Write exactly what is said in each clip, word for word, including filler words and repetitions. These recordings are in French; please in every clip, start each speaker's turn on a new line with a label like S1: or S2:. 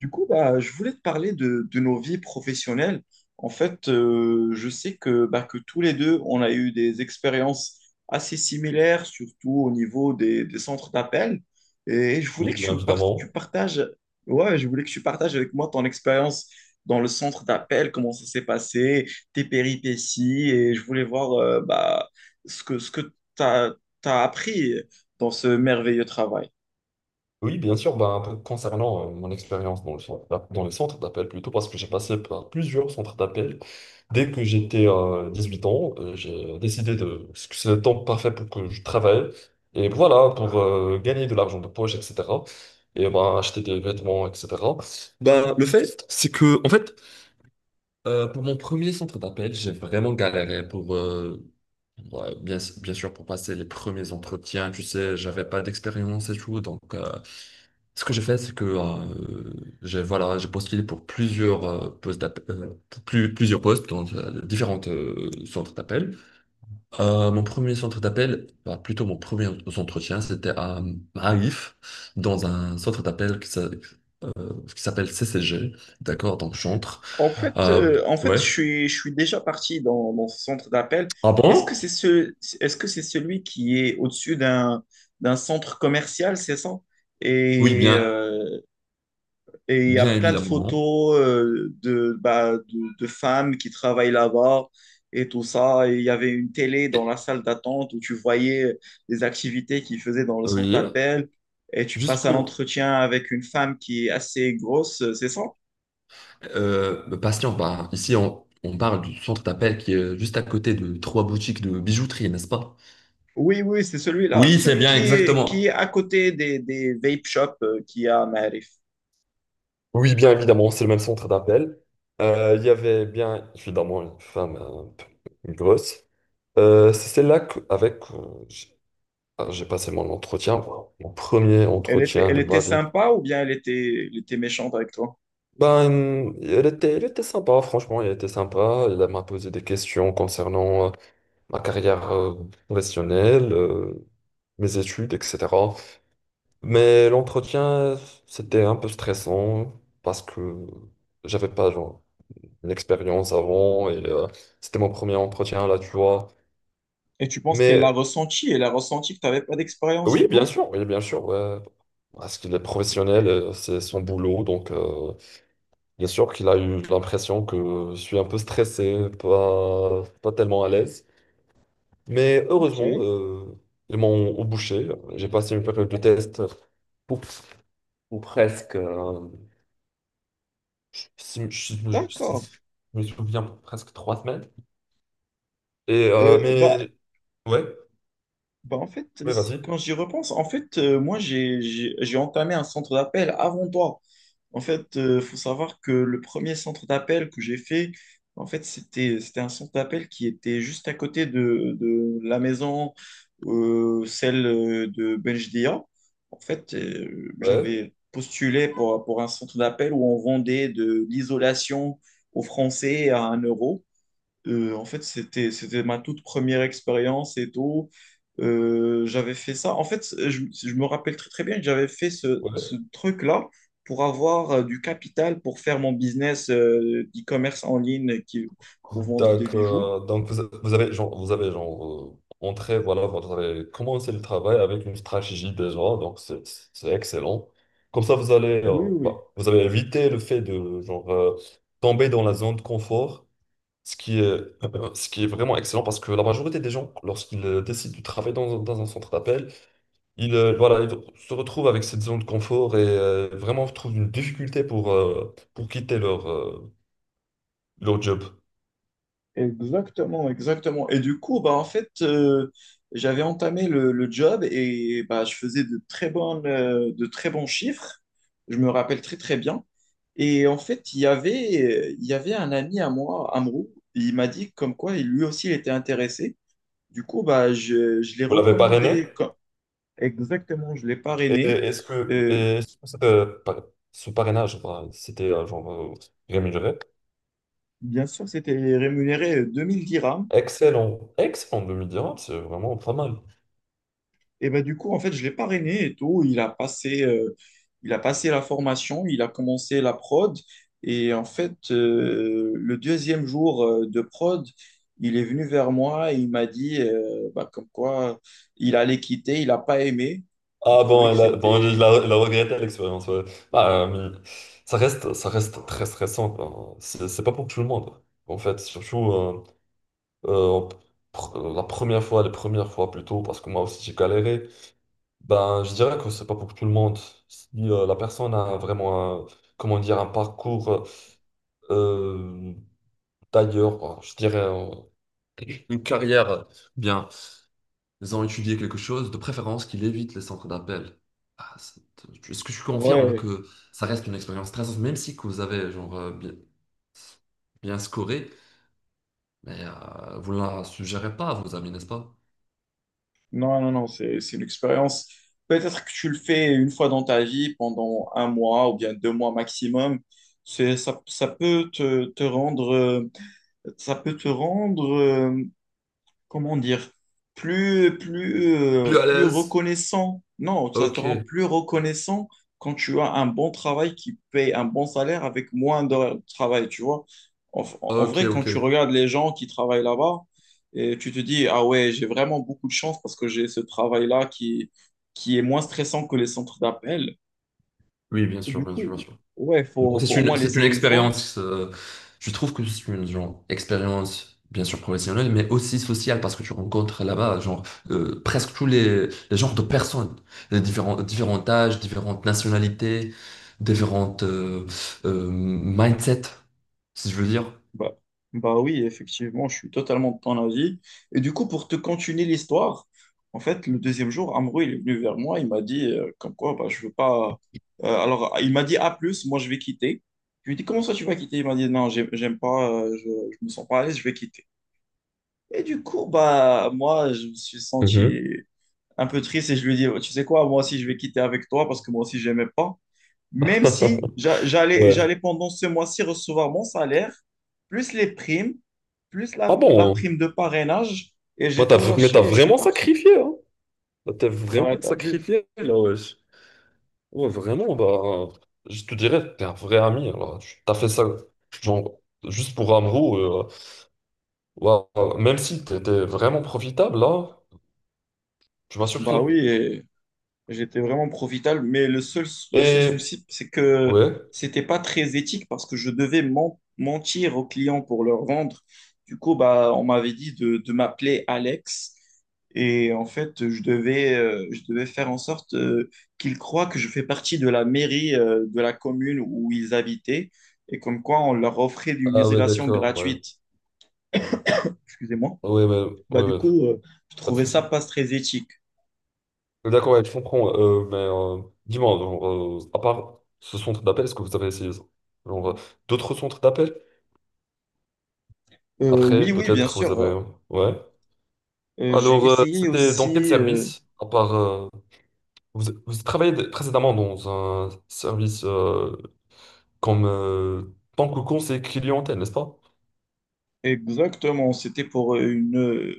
S1: Du coup, bah, je voulais te parler de, de nos vies professionnelles. En fait, euh, je sais que, bah, que tous les deux, on a eu des expériences assez similaires, surtout au niveau des, des centres d'appel. Et je voulais
S2: Oui,
S1: que
S2: bien
S1: tu me par- tu
S2: évidemment.
S1: partages, ouais, je voulais que tu partages avec moi ton expérience dans le centre d'appel, comment ça s'est passé, tes péripéties. Et je voulais voir, euh, bah, ce que, ce que tu as appris dans ce merveilleux travail.
S2: Oui, bien sûr, ben, p- concernant euh, mon expérience dans le centre d'app- dans les centres d'appel plutôt, parce que j'ai passé par plusieurs centres d'appel. Dès que j'étais euh, huit ans, euh, j'ai décidé de parce que c'est le temps parfait pour que je travaille. Et voilà, pour euh, gagner de l'argent de poche, et cetera. Et ben, acheter des vêtements, et cetera. Ben, le fait, c'est que, en fait, Euh, pour mon premier centre d'appel, j'ai vraiment galéré pour, euh, ouais, bien, bien sûr, pour passer les premiers entretiens. Tu sais, j'avais pas d'expérience et tout. Donc, euh, ce que j'ai fait, c'est que euh, j'ai voilà, j'ai postulé pour plusieurs euh, postes d'appel, euh, plus, plusieurs postes dans euh, différents euh, centres d'appel. Euh, mon premier centre d'appel, bah, plutôt mon premier entretien, c'était à Marif, dans un centre d'appel qui s'a- qui s'appelle C C G, d'accord, dans le centre.
S1: En fait,
S2: Euh,
S1: euh, en fait,
S2: ouais.
S1: je suis, je suis déjà parti dans, dans ce centre d'appel.
S2: Ah
S1: Est-ce que c'est
S2: bon?
S1: ce, est-ce que c'est celui qui est au-dessus d'un, d'un centre commercial, c'est ça?
S2: Oui,
S1: Et
S2: bien,
S1: euh, et il y a
S2: bien
S1: plein de
S2: évidemment.
S1: photos euh, de, bah, de, de femmes qui travaillent là-bas et tout ça. Et il y avait une télé dans la
S2: Et-
S1: salle d'attente où tu voyais les activités qu'ils faisaient dans le centre
S2: Oui,
S1: d'appel. Et tu
S2: juste
S1: passes un
S2: pour
S1: entretien avec une femme qui est assez grosse, c'est ça?
S2: euh, me patienter, bah, ici on, on parle du centre d'appel qui est juste à côté de trois boutiques de bijouterie, n'est-ce pas?
S1: Oui, oui, c'est celui-là.
S2: Oui, c'est
S1: Celui
S2: bien,
S1: qui est, qui est
S2: exactement.
S1: à côté des, des vape shops euh, qu'il y a à Maarif.
S2: Oui, bien évidemment, c'est le même centre d'appel. Euh, Il y avait bien évidemment une femme un peu grosse. Euh, c'est celle-là que- avec euh, j'ai ah, j'ai passé mon entretien, mon premier
S1: Elle était,
S2: entretien
S1: elle
S2: de
S1: était
S2: ma vie.
S1: sympa ou bien elle était, elle était méchante avec toi?
S2: Ben, elle était, elle était sympa, franchement, elle était sympa. Elle m'a posé des questions concernant euh, ma carrière euh, professionnelle, euh, mes études, et cetera. Mais l'entretien, c'était un peu stressant parce que j'avais pas genre, une expérience avant et euh, c'était mon premier entretien là, tu vois.
S1: Et tu penses qu'elle l'a
S2: Mais
S1: ressenti? Elle a ressenti que tu n'avais pas d'expérience et
S2: oui, bien
S1: tout?
S2: sûr, oui, bien sûr, ouais. Parce qu'il est professionnel, euh, c'est son boulot, donc, euh, bien sûr qu'il a eu l'impression que je suis un peu stressé, pas, pas tellement à l'aise. Mais
S1: Ok,
S2: heureusement, euh, ils m'ont au boucher. J'ai passé une période de test pour, ou presque, euh, je, si- je- je- si-
S1: d'accord.
S2: je me souviens, presque trois semaines. Et, euh,
S1: Euh, bah,
S2: mais ouais,
S1: Bah, en fait,
S2: mais
S1: c'est-
S2: vas-y.
S1: quand j'y repense, en fait, euh, moi, j'ai, j'ai, j'ai entamé un centre d'appel avant toi. En fait, euh, faut savoir que le premier centre d'appel que j'ai fait, en fait, c'était, c'était un centre d'appel qui était juste à côté de, de la maison, euh, celle euh, de Benjdia. En fait, euh,
S2: Ouais,
S1: j'avais postulé pour, pour un centre d'appel où on vendait de l'isolation aux Français à un euro. Euh, en fait, c'était, c'était ma toute première expérience et tout. Euh, j'avais fait ça. En fait, je, je me rappelle très, très bien que j'avais fait ce, ce
S2: ouais.
S1: truc-là pour avoir euh, du capital pour faire mon business euh, d'e-commerce en ligne qui, pour vendre des
S2: Donc,
S1: bijoux.
S2: euh, donc vous, a- vous avez genre, vous avez genre euh, entré, voilà, vous avez commencé le travail avec une stratégie déjà, donc c'est c'est excellent. Comme ça, vous allez,
S1: Oui,
S2: euh, bah,
S1: oui.
S2: vous avez évité le fait de genre euh, tomber dans la zone de confort, ce qui est, ce qui est vraiment excellent parce que la majorité des gens, lorsqu'ils euh, décident de travailler dans, un- dans un centre d'appel, ils, euh, voilà, ils se retrouvent avec cette zone de confort et euh, vraiment trouvent une difficulté pour, euh, pour quitter leur, euh, leur job.
S1: Exactement, exactement. Et du coup, bah, en fait, euh, j'avais entamé le, le job et bah, je faisais de très bonnes, euh, de très bons chiffres. Je me rappelle très, très bien. Et en fait, il y avait, euh, il y avait un ami à moi, Amrou, il m'a dit comme quoi il- lui aussi il était intéressé. Du coup, bah, je, je l'ai
S2: Vous l'avez parrainé?
S1: recommandé. co- Exactement, je l'ai
S2: Et
S1: parrainé.
S2: est-ce que,
S1: Euh,
S2: et est-ce que c'était euh, par- ce parrainage, enfin, c'était euh, genre euh, rémunéré?
S1: bien sûr, c'était rémunéré euh, deux mille dirhams.
S2: Excellent, excellent deux mille dix, c'est vraiment pas mal.
S1: Et ben, du coup, en fait, je l'ai parrainé et tout. Il a passé, euh, il a passé la formation, il a commencé la prod. Et en fait, euh, le deuxième jour euh, de prod, il est venu vers moi et il m'a dit euh, bah, comme quoi il allait quitter, il n'a pas aimé. Il
S2: Ah
S1: trouvait
S2: bon,
S1: que
S2: elle a, bon, il
S1: c'était.
S2: a, il a regretté l'expérience, ouais. Bah, euh, mais ça reste, ça reste très stressant, quoi. C'est c'est pas pour tout le monde. En fait, surtout euh, euh, pr- euh, la première fois, les premières fois plutôt, parce que moi aussi j'ai galéré. Ben, je dirais que c'est pas pour tout le monde. Si euh, la personne a vraiment, un- comment dire, un parcours, euh, d'ailleurs, je dirais euh, une carrière, euh, bien, ils ont étudié quelque chose, de préférence qu'il évite les centres d'appel. Ah, c'est- Est-ce que je confirme
S1: Ouais,
S2: que ça reste une expérience stressante, même si que vous avez genre euh, bien, bien scoré, mais euh, vous ne la suggérez pas à vos amis, n'est-ce pas?
S1: non, non, non, c'est, c'est une expérience. Peut-être que tu le fais une fois dans ta vie, pendant un mois ou bien deux mois maximum. C'est, ça, ça peut te, te rendre... euh, ça peut te rendre, euh, comment dire, plus, plus, euh,
S2: Plus à
S1: plus
S2: l'aise?
S1: reconnaissant. Non, ça te
S2: Ok,
S1: rend plus reconnaissant quand tu as un bon travail qui paye un bon salaire avec moins d'heures de travail, tu vois. En, en
S2: ok,
S1: vrai, quand
S2: ok.
S1: tu regardes les gens qui travaillent là-bas, et tu te dis, ah ouais, j'ai vraiment beaucoup de chance parce que j'ai ce travail-là qui, qui est moins stressant que les centres d'appel.
S2: Oui, bien sûr,
S1: Du
S2: bien sûr, bien
S1: coup,
S2: sûr.
S1: ouais, faut,
S2: Donc c'est
S1: faut au moins
S2: une, c'est une
S1: l'essayer une fois.
S2: expérience, euh, je trouve que c'est une genre, expérience bien sûr professionnelle, mais aussi sociale parce que tu rencontres là-bas genre euh, presque tous les, les genres de personnes, les différents, différents âges, différentes nationalités, différentes euh, euh, mindsets, si je veux dire.
S1: Bah, bah oui, effectivement, je suis totalement de ton avis. Et du coup, pour te continuer l'histoire, en fait, le deuxième jour, Amrou, il est venu vers moi, il m'a dit, euh, comme quoi, bah, je veux pas, euh, alors, il m'a dit, à plus, moi, je vais quitter. Je lui ai dit, comment ça, tu vas quitter? Il m'a dit, non, j'aime j'aime pas, euh, je, je me sens pas à l'aise, je vais quitter. Et du coup, bah, moi, je me suis senti
S2: Mhm.
S1: un peu triste et je lui ai dit, tu sais quoi, moi aussi, je vais quitter avec toi parce que moi aussi, j'aimais pas. Même si j'a- j'allais,
S2: Ouais.
S1: j'allais pendant ce mois-ci recevoir mon salaire, plus les primes, plus la,
S2: Ah
S1: la
S2: bon?
S1: prime de parrainage, et
S2: Moi,
S1: j'ai
S2: t'as,
S1: tout
S2: mais
S1: lâché
S2: t'as
S1: et je suis
S2: vraiment
S1: parti.
S2: sacrifié, hein? T'as
S1: Ouais,
S2: vraiment
S1: t'as vu?
S2: sacrifié, là, ouais. Ouais, vraiment, bah, je te dirais, t'es un vrai ami, alors, tu t'as fait ça, genre, juste pour Amrou, euh, waouh, même si t'étais vraiment profitable, là, tu m'as
S1: Bah oui,
S2: surpris.
S1: et- J'étais vraiment profitable, mais le seul, le seul
S2: Et,
S1: souci, c'est que
S2: ouais.
S1: c'était pas très éthique parce que je devais men- mentir aux clients pour leur vendre. Du coup, bah, on m'avait dit de, de m'appeler Alex. Et en fait, je devais, euh, je devais faire en sorte euh, qu'ils croient que je fais partie de la mairie euh, de la commune où ils habitaient et comme quoi on leur offrait une
S2: Ah ouais,
S1: isolation
S2: d'accord, ouais.
S1: gratuite. Excusez-moi.
S2: Ouais, ouais,
S1: Bah,
S2: ouais,
S1: du
S2: ouais,
S1: coup, euh, je
S2: pas de
S1: trouvais ça
S2: souci.
S1: pas très éthique.
S2: D'accord, ouais, je comprends. euh, mais euh, dis-moi, genre, euh, à part ce centre d'appel, est-ce que vous avez essayé ça genre, euh, d'autres centres d'appel?
S1: Euh, oui,
S2: Après,
S1: oui, bien
S2: peut-être vous
S1: sûr. Euh,
S2: avez Ouais.
S1: Euh, j'ai
S2: Alors, euh,
S1: essayé
S2: c'était dans quel
S1: aussi, euh,
S2: service, à part... euh, vous, vous travaillez d- précédemment dans un service euh, comme euh, tant que conseiller clientèle, n'est-ce pas?
S1: exactement, c'était pour euh, une, euh,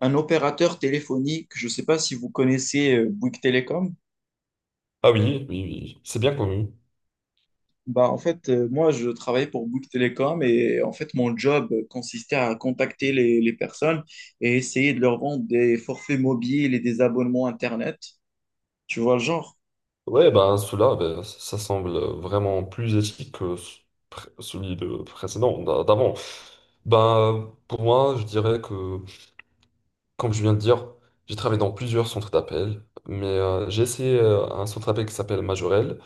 S1: un opérateur téléphonique. Je ne sais pas si vous connaissez euh, Bouygues Télécom.
S2: Ah oui, oui, oui, c'est bien connu.
S1: Bah, en fait, euh, moi, je travaillais pour Bouygues Télécom et en fait, mon job consistait à contacter les, les personnes et essayer de leur vendre des forfaits mobiles et des abonnements Internet. Tu vois le genre?
S2: Ouais, ben cela, ben, ça semble vraiment plus éthique que ce- pré- celui de précédent, d'a- d'avant. Ben, pour moi, je dirais que, comme je viens de dire, j'ai travaillé dans plusieurs centres d'appel, mais euh, j'ai essayé euh, un centre d'appel qui s'appelle Majorel,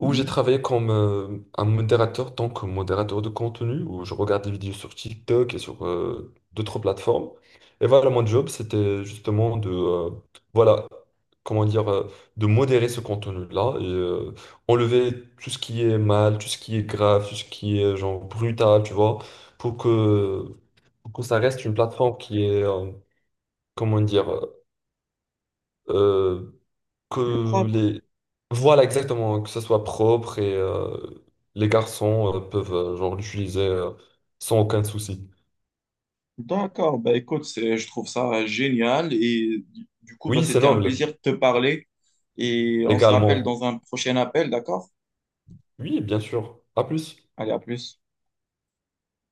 S2: où j'ai
S1: Mhm.
S2: travaillé comme euh, un modérateur, tant que modérateur de contenu, où je regarde des vidéos sur TikTok et sur euh, d'autres plateformes. Et voilà, mon job, c'était justement de, euh, voilà, comment dire, euh, de modérer ce contenu-là et euh, enlever tout ce qui est mal, tout ce qui est grave, tout ce qui est genre brutal, tu vois, pour que, pour que ça reste une plateforme qui est, euh, comment dire, euh, que
S1: Propre.
S2: les Voilà, exactement, que ça soit propre et euh, les garçons euh, peuvent euh, genre l'utiliser euh, sans aucun souci.
S1: D'accord, bah écoute, c'est- je trouve ça génial et du du coup, bah,
S2: Oui, c'est
S1: c'était un
S2: noble,
S1: plaisir de te parler et on se rappelle
S2: également.
S1: dans un prochain appel, d'accord?
S2: Oui, bien sûr. À plus.
S1: Allez, à plus.